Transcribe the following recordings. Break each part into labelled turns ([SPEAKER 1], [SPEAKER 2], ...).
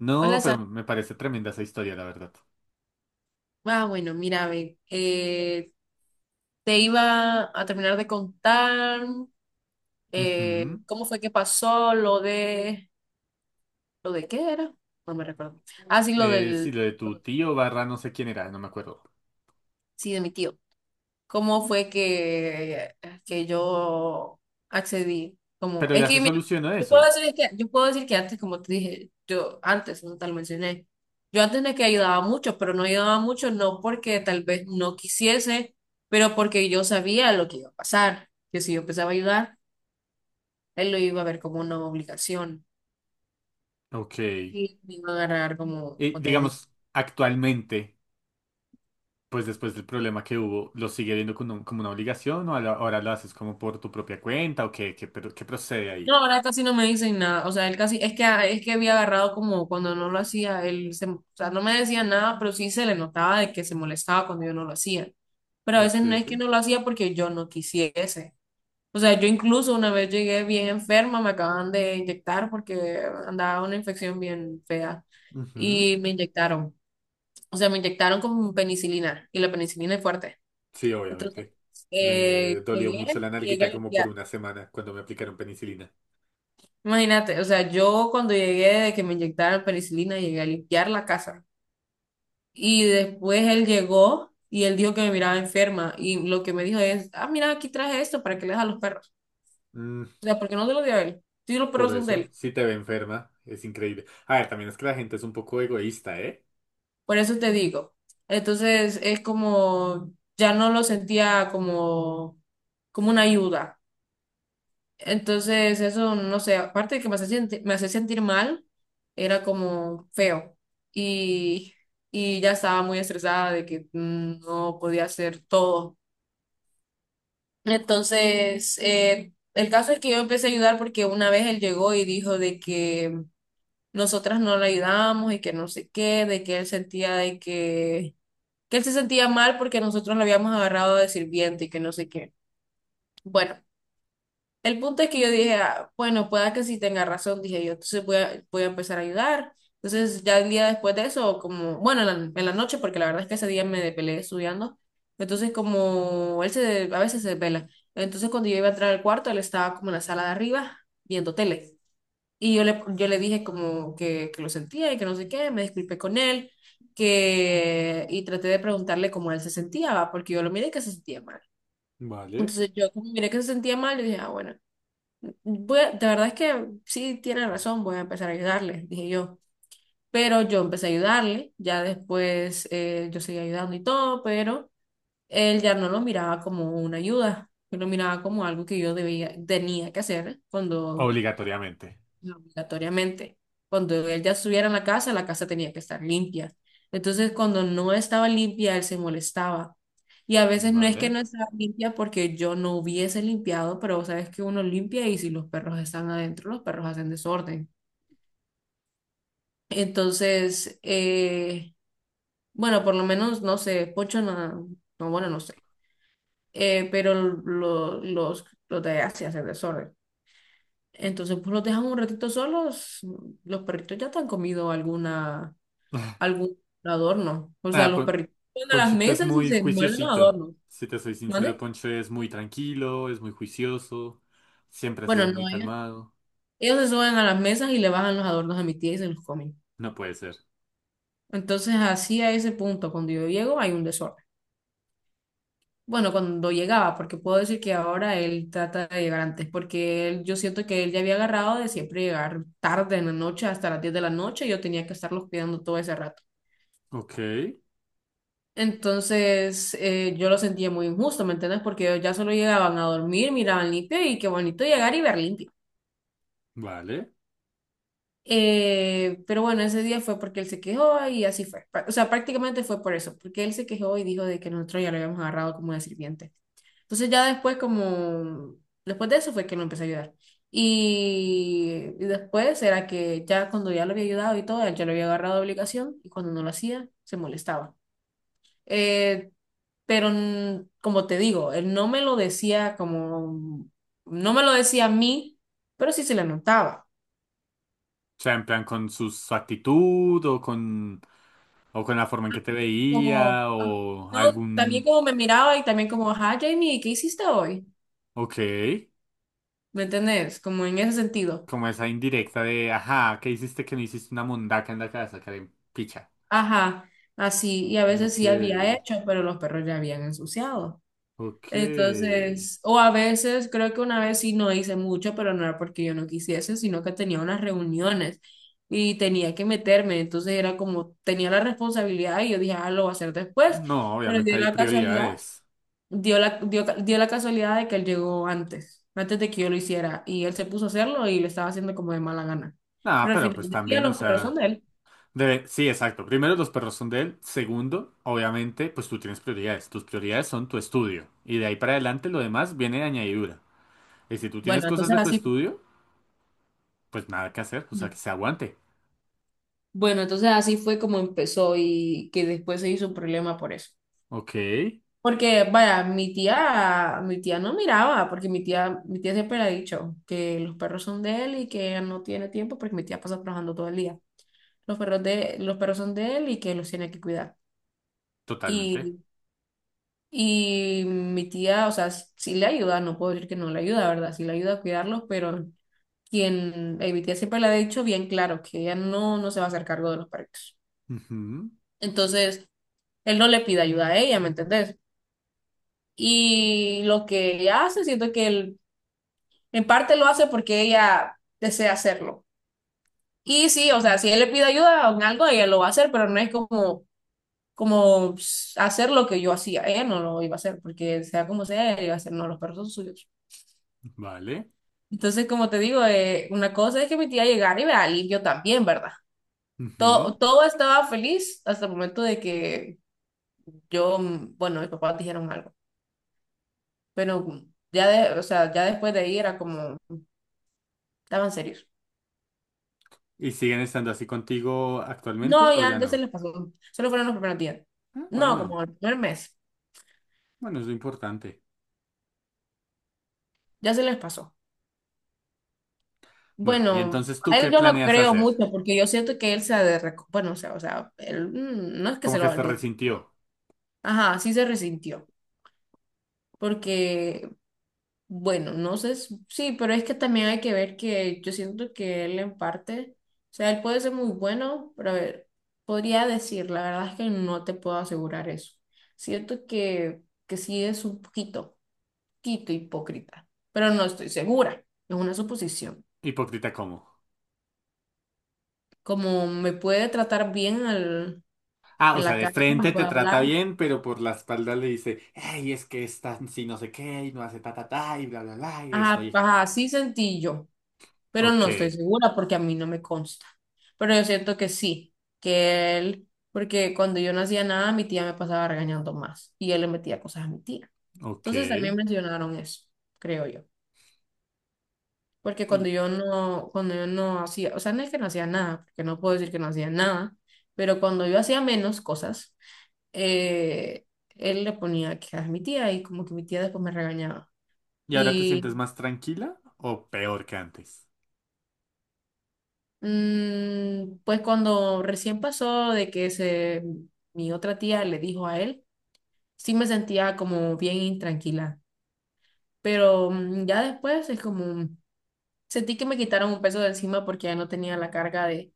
[SPEAKER 1] No,
[SPEAKER 2] Hola,
[SPEAKER 1] pero
[SPEAKER 2] Sa-
[SPEAKER 1] me parece tremenda esa historia, la verdad.
[SPEAKER 2] Bueno, mira, ve, te iba a terminar de contar
[SPEAKER 1] Ujú.
[SPEAKER 2] cómo fue que pasó ¿lo de qué era? No me recuerdo. Ah, sí, lo
[SPEAKER 1] Sí,
[SPEAKER 2] del,
[SPEAKER 1] lo de tu tío barra no sé quién era, no me acuerdo.
[SPEAKER 2] sí, de mi tío. Cómo fue que yo accedí. Como,
[SPEAKER 1] Pero
[SPEAKER 2] es
[SPEAKER 1] ya se
[SPEAKER 2] que mira,
[SPEAKER 1] solucionó eso.
[SPEAKER 2] yo puedo decir que antes, como te dije, yo antes, no te lo mencioné, yo antes de que ayudaba mucho, pero no ayudaba mucho no porque tal vez no quisiese, pero porque yo sabía lo que iba a pasar, que si yo empezaba a ayudar, él lo iba a ver como una obligación
[SPEAKER 1] Ok.
[SPEAKER 2] y me iba a agarrar como,
[SPEAKER 1] Y digamos, actualmente, pues después del problema que hubo, ¿lo sigue viendo como como una obligación o ahora lo haces como por tu propia cuenta o pero, qué procede
[SPEAKER 2] no,
[SPEAKER 1] ahí?
[SPEAKER 2] ahora casi no me dicen nada. O sea, él casi, es que había agarrado como cuando no lo hacía, él se, o sea, no me decía nada, pero sí se le notaba de que se molestaba cuando yo no lo hacía. Pero a veces
[SPEAKER 1] Ok.
[SPEAKER 2] no es que no lo hacía porque yo no quisiese. O sea, yo incluso una vez llegué bien enferma, me acaban de inyectar porque andaba una infección bien fea
[SPEAKER 1] Ujú.
[SPEAKER 2] y me inyectaron. O sea, me inyectaron con penicilina y la penicilina es fuerte.
[SPEAKER 1] Sí,
[SPEAKER 2] Entonces,
[SPEAKER 1] obviamente.
[SPEAKER 2] eh,
[SPEAKER 1] Me dolió mucho
[SPEAKER 2] llegué,
[SPEAKER 1] la nalguita
[SPEAKER 2] llegué,
[SPEAKER 1] como por una semana cuando me aplicaron penicilina.
[SPEAKER 2] imagínate, o sea, yo cuando llegué de que me inyectaron penicilina, llegué a limpiar la casa. Y después él llegó y él dijo que me miraba enferma. Y lo que me dijo es, ah, mira, aquí traje esto para que le des a los perros. O sea, porque no se lo dio a él. Sí, los perros
[SPEAKER 1] Por
[SPEAKER 2] son de
[SPEAKER 1] eso,
[SPEAKER 2] él.
[SPEAKER 1] si te ve enferma, es increíble. A ver, también es que la gente es un poco egoísta, ¿eh?
[SPEAKER 2] Por eso te digo. Entonces es como, ya no lo sentía como, como una ayuda. Entonces, eso, no sé, aparte de que me hace sentir mal, era como feo. Y, y ya estaba muy estresada de que no podía hacer todo. Entonces, el caso es que yo empecé a ayudar porque una vez él llegó y dijo de que nosotras no le ayudamos y que no sé qué, de que él sentía de que él se sentía mal porque nosotros lo habíamos agarrado de sirviente y que no sé qué. Bueno. El punto es que yo dije, "Ah, bueno, pueda que sí tenga razón, dije yo, entonces voy a empezar a ayudar. Entonces ya el día después de eso, como, bueno, en la noche, porque la verdad es que ese día me depelé estudiando, entonces como él se, a veces se desvela, entonces cuando yo iba a entrar al cuarto, él estaba como en la sala de arriba viendo tele. Y yo le dije como que lo sentía y que no sé qué, me disculpé con él, que, y traté de preguntarle cómo él se sentía, ¿va? Porque yo lo miré que se sentía mal.
[SPEAKER 1] Vale.
[SPEAKER 2] Entonces yo como miré que se sentía mal, yo dije, ah, bueno, de verdad es que sí tiene razón, voy a empezar a ayudarle, dije yo. Pero yo empecé a ayudarle, ya después yo seguí ayudando y todo, pero él ya no lo miraba como una ayuda, él lo miraba como algo que yo debía, tenía que hacer cuando
[SPEAKER 1] Obligatoriamente.
[SPEAKER 2] no, obligatoriamente. Cuando él ya estuviera en la casa tenía que estar limpia. Entonces, cuando no estaba limpia, él se molestaba. Y a veces no es que
[SPEAKER 1] Vale.
[SPEAKER 2] no estaba limpia porque yo no hubiese limpiado, pero sabes que uno limpia y si los perros están adentro, los perros hacen desorden. Entonces, bueno, por lo menos, no sé, Pocho no, no, bueno, no sé, eh, pero lo- los de allá sí hacen desorden. Entonces, pues los dejan un ratito solos, los perritos ya te han comido alguna algún adorno. O sea,
[SPEAKER 1] Ah,
[SPEAKER 2] los
[SPEAKER 1] Pon-
[SPEAKER 2] perritos se suben a las
[SPEAKER 1] Ponchito es
[SPEAKER 2] mesas y
[SPEAKER 1] muy
[SPEAKER 2] se muerden los
[SPEAKER 1] juiciosito.
[SPEAKER 2] adornos.
[SPEAKER 1] Si te soy sincero,
[SPEAKER 2] ¿Mande?
[SPEAKER 1] Poncho es muy tranquilo, es muy juicioso, siempre ha
[SPEAKER 2] Bueno,
[SPEAKER 1] sido muy
[SPEAKER 2] no, ellos,
[SPEAKER 1] calmado.
[SPEAKER 2] ellos se suben a las mesas y le bajan los adornos a mi tía y se los comen.
[SPEAKER 1] No puede ser.
[SPEAKER 2] Entonces, así a ese punto, cuando yo llego, hay un desorden. Bueno, cuando llegaba, porque puedo decir que ahora él trata de llegar antes, porque él- yo siento que él ya había agarrado de siempre llegar tarde en la noche, hasta las 10 de la noche, y yo tenía que estarlos cuidando todo ese rato.
[SPEAKER 1] Ok.
[SPEAKER 2] Entonces, yo lo sentía muy injusto, ¿me entiendes? Porque ellos ya solo llegaban a dormir, miraban limpio y qué bonito llegar y ver limpio.
[SPEAKER 1] Vale.
[SPEAKER 2] Pero bueno, ese día fue porque él se quejó y así fue. Pra- O sea, prácticamente fue por eso, porque él se quejó y dijo de que nosotros ya lo habíamos agarrado como de sirviente. Entonces ya después como, después de eso fue que lo empecé a ayudar. Y después era que ya cuando ya lo había ayudado y todo, él ya lo había agarrado de obligación y cuando no lo hacía, se molestaba. Eh, pero como te digo, él no me lo decía como, no me lo decía a mí, pero sí se le notaba.
[SPEAKER 1] O sea, en plan con su actitud o con la forma en que te
[SPEAKER 2] Como,
[SPEAKER 1] veía
[SPEAKER 2] ah,
[SPEAKER 1] o
[SPEAKER 2] no, también
[SPEAKER 1] algún.
[SPEAKER 2] como me miraba y también como, ajá, Jamie, ¿qué hiciste hoy?
[SPEAKER 1] Ok.
[SPEAKER 2] ¿Me entendés? Como en ese sentido.
[SPEAKER 1] Como esa indirecta de, ajá, ¿qué hiciste que no hiciste una mundaca en la casa, Karen? Picha.
[SPEAKER 2] Ajá, así, y a veces
[SPEAKER 1] Ok,
[SPEAKER 2] sí había hecho, pero los perros ya habían ensuciado.
[SPEAKER 1] ok.
[SPEAKER 2] Entonces, o a veces, creo que una vez sí no hice mucho, pero no era porque yo no quisiese, sino que tenía unas reuniones y tenía que meterme. Entonces era como, tenía la responsabilidad y yo dije, ah, lo voy a hacer después,
[SPEAKER 1] No,
[SPEAKER 2] pero
[SPEAKER 1] obviamente hay prioridades.
[SPEAKER 2] dio la casualidad de que él llegó antes, antes de que yo lo hiciera, y él se puso a hacerlo y le estaba haciendo como de mala gana.
[SPEAKER 1] Nada,
[SPEAKER 2] Pero al
[SPEAKER 1] pero
[SPEAKER 2] final
[SPEAKER 1] pues
[SPEAKER 2] del día
[SPEAKER 1] también, o
[SPEAKER 2] los perros son
[SPEAKER 1] sea,
[SPEAKER 2] de él.
[SPEAKER 1] debe, sí, exacto. Primero, los perros son de él. Segundo, obviamente, pues tú tienes prioridades. Tus prioridades son tu estudio. Y de ahí para adelante lo demás viene de añadidura. Y si tú tienes
[SPEAKER 2] Bueno,
[SPEAKER 1] cosas
[SPEAKER 2] entonces
[SPEAKER 1] de tu
[SPEAKER 2] así,
[SPEAKER 1] estudio, pues nada que hacer, o sea, que se aguante.
[SPEAKER 2] bueno, entonces así fue como empezó y que después se hizo un problema por eso.
[SPEAKER 1] Ok,
[SPEAKER 2] Porque, vaya, mi tía no miraba, porque mi tía siempre le ha dicho que los perros son de él y que ella no tiene tiempo porque mi tía pasa trabajando todo el día. Los perros de, los perros son de él y que los tiene que cuidar.
[SPEAKER 1] totalmente.
[SPEAKER 2] Y y mi tía, o sea, sí le ayuda, no puedo decir que no le ayuda, ¿verdad? Sí le ayuda a cuidarlos, pero quien, mi tía siempre le ha dicho bien claro que ella no, no se va a hacer cargo de los perritos.
[SPEAKER 1] Ujú,
[SPEAKER 2] Entonces, él no le pide ayuda a ella, ¿me entendés? Y lo que ella hace, siento que él, en parte lo hace porque ella desea hacerlo. Y sí, o sea, si él le pide ayuda en algo, ella lo va a hacer, pero no es como, como pss, hacer lo que yo hacía. Ella no lo iba a hacer, porque sea como sea, ella iba a hacer, no, los perros son suyos.
[SPEAKER 1] vale.
[SPEAKER 2] Entonces, como te digo, una cosa es que mi tía llegara y me la limpio también, ¿verdad? Todo,
[SPEAKER 1] Ujú.
[SPEAKER 2] todo estaba feliz hasta el momento de que yo, bueno, mis papás dijeron algo, pero ya de, o sea, ya después de ahí era como, estaban serios.
[SPEAKER 1] ¿Y siguen estando así contigo actualmente
[SPEAKER 2] No,
[SPEAKER 1] o ya
[SPEAKER 2] ya, ya se
[SPEAKER 1] no?
[SPEAKER 2] les pasó, solo fueron los primeros días.
[SPEAKER 1] Ah,
[SPEAKER 2] No,
[SPEAKER 1] bueno,
[SPEAKER 2] como el primer mes,
[SPEAKER 1] bueno, es lo importante.
[SPEAKER 2] ya se les pasó.
[SPEAKER 1] Bueno, y
[SPEAKER 2] Bueno,
[SPEAKER 1] entonces, ¿tú
[SPEAKER 2] a
[SPEAKER 1] qué
[SPEAKER 2] él yo no
[SPEAKER 1] planeas
[SPEAKER 2] creo
[SPEAKER 1] hacer?
[SPEAKER 2] mucho porque yo siento que él se ha de, reco- bueno, o sea, él, no es que
[SPEAKER 1] Como
[SPEAKER 2] se lo
[SPEAKER 1] que
[SPEAKER 2] va a
[SPEAKER 1] se
[SPEAKER 2] olvidar.
[SPEAKER 1] resintió.
[SPEAKER 2] Ajá, sí se resintió porque bueno, no sé, s- sí, pero es que también hay que ver que yo siento que él en parte, o sea, él puede ser muy bueno, pero a ver, podría decir, la verdad es que no te puedo asegurar eso. Siento que sí es un poquito, poquito hipócrita, pero no estoy segura, es una suposición.
[SPEAKER 1] Hipócrita, ¿cómo?
[SPEAKER 2] Como me puede tratar bien al-
[SPEAKER 1] Ah, o
[SPEAKER 2] en
[SPEAKER 1] sea,
[SPEAKER 2] la
[SPEAKER 1] de
[SPEAKER 2] cara, me
[SPEAKER 1] frente te
[SPEAKER 2] puede
[SPEAKER 1] trata
[SPEAKER 2] hablar,
[SPEAKER 1] bien, pero por la espalda le dice, hey, es que está si no sé qué, y no hace ta ta ta, y bla bla bla, y
[SPEAKER 2] ajá,
[SPEAKER 1] estoy.
[SPEAKER 2] ajá, así sentí yo. Pero
[SPEAKER 1] Ok,
[SPEAKER 2] no estoy segura porque a mí no me consta. Pero yo siento que sí, que él, porque cuando yo no hacía nada, mi tía me pasaba regañando más y él le metía cosas a mi tía.
[SPEAKER 1] ok.
[SPEAKER 2] Entonces también mencionaron eso, creo yo. Porque cuando yo no hacía, o sea, no es que no hacía nada, porque no puedo decir que no hacía nada, pero cuando yo hacía menos cosas, eh, él le ponía quejas a mi tía y como que mi tía después me regañaba.
[SPEAKER 1] ¿Y ahora te sientes más tranquila o peor que antes?
[SPEAKER 2] Pues cuando recién pasó de que se, mi otra tía le dijo a él, sí me sentía como bien intranquila, pero ya después es como, sentí que me quitaron un peso de encima porque ya no tenía la carga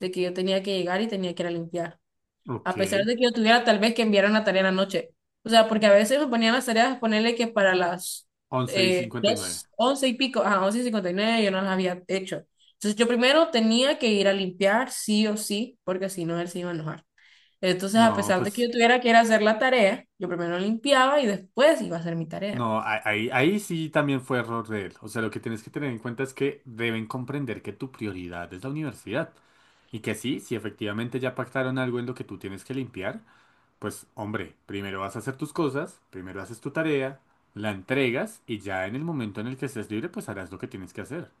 [SPEAKER 2] de que yo tenía que llegar y tenía que ir a limpiar
[SPEAKER 1] Ok,
[SPEAKER 2] a pesar de que yo tuviera tal vez que enviar una tarea en la noche. O sea, porque a veces me ponían las tareas, ponerle que para las
[SPEAKER 1] 11 y 59.
[SPEAKER 2] dos, once y pico, a 11:59 yo no las había hecho. Entonces yo primero tenía que ir a limpiar sí o sí, porque si no él se iba a enojar. Entonces, a
[SPEAKER 1] No,
[SPEAKER 2] pesar de que
[SPEAKER 1] pues.
[SPEAKER 2] yo tuviera que ir a hacer la tarea, yo primero limpiaba y después iba a hacer mi tarea.
[SPEAKER 1] No, ahí, ahí sí también fue error de él. O sea, lo que tienes que tener en cuenta es que deben comprender que tu prioridad es la universidad. Y que sí, si efectivamente ya pactaron algo en lo que tú tienes que limpiar, pues hombre, primero vas a hacer tus cosas, primero haces tu tarea, la entregas y ya en el momento en el que estés libre, pues harás lo que tienes que hacer.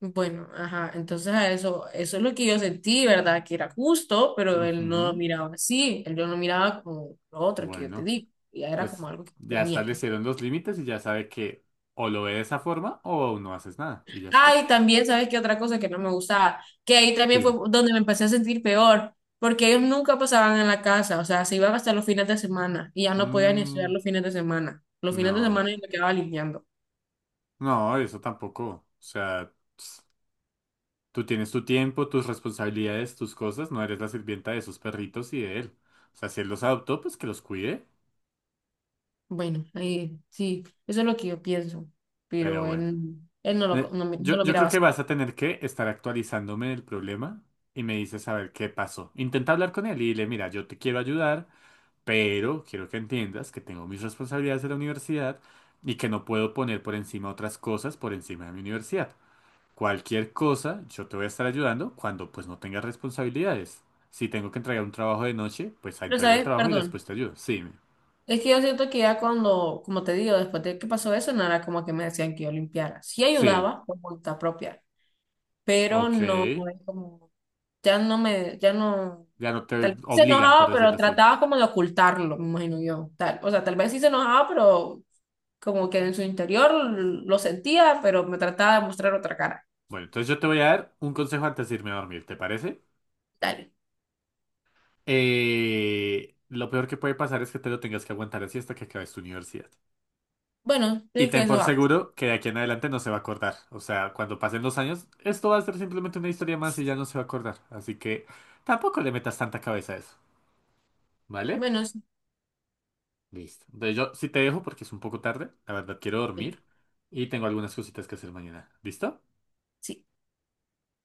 [SPEAKER 2] Bueno, ajá, entonces a eso, eso es lo que yo sentí, ¿verdad? Que era justo, pero él no lo
[SPEAKER 1] Ujú.
[SPEAKER 2] miraba así, él no lo miraba como lo otro que yo te
[SPEAKER 1] Bueno,
[SPEAKER 2] digo, ya era
[SPEAKER 1] pues
[SPEAKER 2] como algo que
[SPEAKER 1] ya
[SPEAKER 2] tenía que hacer.
[SPEAKER 1] establecieron los límites y ya sabe que o lo ve de esa forma o no haces nada y ya
[SPEAKER 2] Ah,
[SPEAKER 1] está.
[SPEAKER 2] y también, ¿sabes qué otra cosa que no me gustaba? Que ahí también fue
[SPEAKER 1] Sí.
[SPEAKER 2] donde me empecé a sentir peor, porque ellos nunca pasaban en la casa, o sea, se iban hasta los fines de semana y ya no podía ni
[SPEAKER 1] Mm,
[SPEAKER 2] estudiar los fines de semana. Los fines de
[SPEAKER 1] no.
[SPEAKER 2] semana yo me quedaba limpiando.
[SPEAKER 1] No, eso tampoco. O sea, ps, tú tienes tu tiempo, tus responsabilidades, tus cosas, no eres la sirvienta de esos perritos y de él. O sea, si él los adoptó, pues que los cuide.
[SPEAKER 2] Bueno, ahí sí, eso es lo que yo pienso,
[SPEAKER 1] Pero
[SPEAKER 2] pero
[SPEAKER 1] bueno.
[SPEAKER 2] él no lo, no me- no
[SPEAKER 1] Yo,
[SPEAKER 2] lo
[SPEAKER 1] yo creo
[SPEAKER 2] miraba
[SPEAKER 1] que
[SPEAKER 2] así.
[SPEAKER 1] vas a tener que estar actualizándome del problema y me dices a ver qué pasó. Intenta hablar con él y dile, mira, yo te quiero ayudar, pero quiero que entiendas que tengo mis responsabilidades de la universidad y que no puedo poner por encima otras cosas por encima de mi universidad. Cualquier cosa, yo te voy a estar ayudando cuando pues no tengas responsabilidades. Si tengo que entregar un trabajo de noche, pues ahí
[SPEAKER 2] Pero,
[SPEAKER 1] entrego el
[SPEAKER 2] ¿sabes?
[SPEAKER 1] trabajo y después
[SPEAKER 2] Perdón.
[SPEAKER 1] te ayudo.
[SPEAKER 2] Es que yo siento que ya cuando, como te digo, después de que pasó eso, no era como que me decían que yo limpiara. Sí
[SPEAKER 1] Sí,
[SPEAKER 2] ayudaba por voluntad propia, pero no
[SPEAKER 1] ok.
[SPEAKER 2] no es como, ya no me, ya no,
[SPEAKER 1] Ya no te
[SPEAKER 2] tal vez se
[SPEAKER 1] obligan, por
[SPEAKER 2] enojaba,
[SPEAKER 1] decirlo
[SPEAKER 2] pero
[SPEAKER 1] así.
[SPEAKER 2] trataba como de ocultarlo, me imagino yo. Tal, o sea, tal vez sí se enojaba, pero como que en su interior lo sentía, pero me trataba de mostrar otra cara.
[SPEAKER 1] Bueno, entonces yo te voy a dar un consejo antes de irme a dormir, ¿te parece?
[SPEAKER 2] Tal
[SPEAKER 1] Lo peor que puede pasar es que te lo tengas que aguantar así hasta que acabes tu universidad.
[SPEAKER 2] bueno,
[SPEAKER 1] Y
[SPEAKER 2] es que
[SPEAKER 1] ten
[SPEAKER 2] eso
[SPEAKER 1] por
[SPEAKER 2] va.
[SPEAKER 1] seguro que de aquí en adelante no se va a acordar. O sea, cuando pasen los años, esto va a ser simplemente una historia más y ya no se va a acordar. Así que tampoco le metas tanta cabeza a eso. ¿Vale?
[SPEAKER 2] Bueno,
[SPEAKER 1] Listo. Entonces yo sí te dejo porque es un poco tarde. La verdad, quiero
[SPEAKER 2] sí.
[SPEAKER 1] dormir y tengo algunas cositas que hacer mañana. ¿Listo?
[SPEAKER 2] Sí.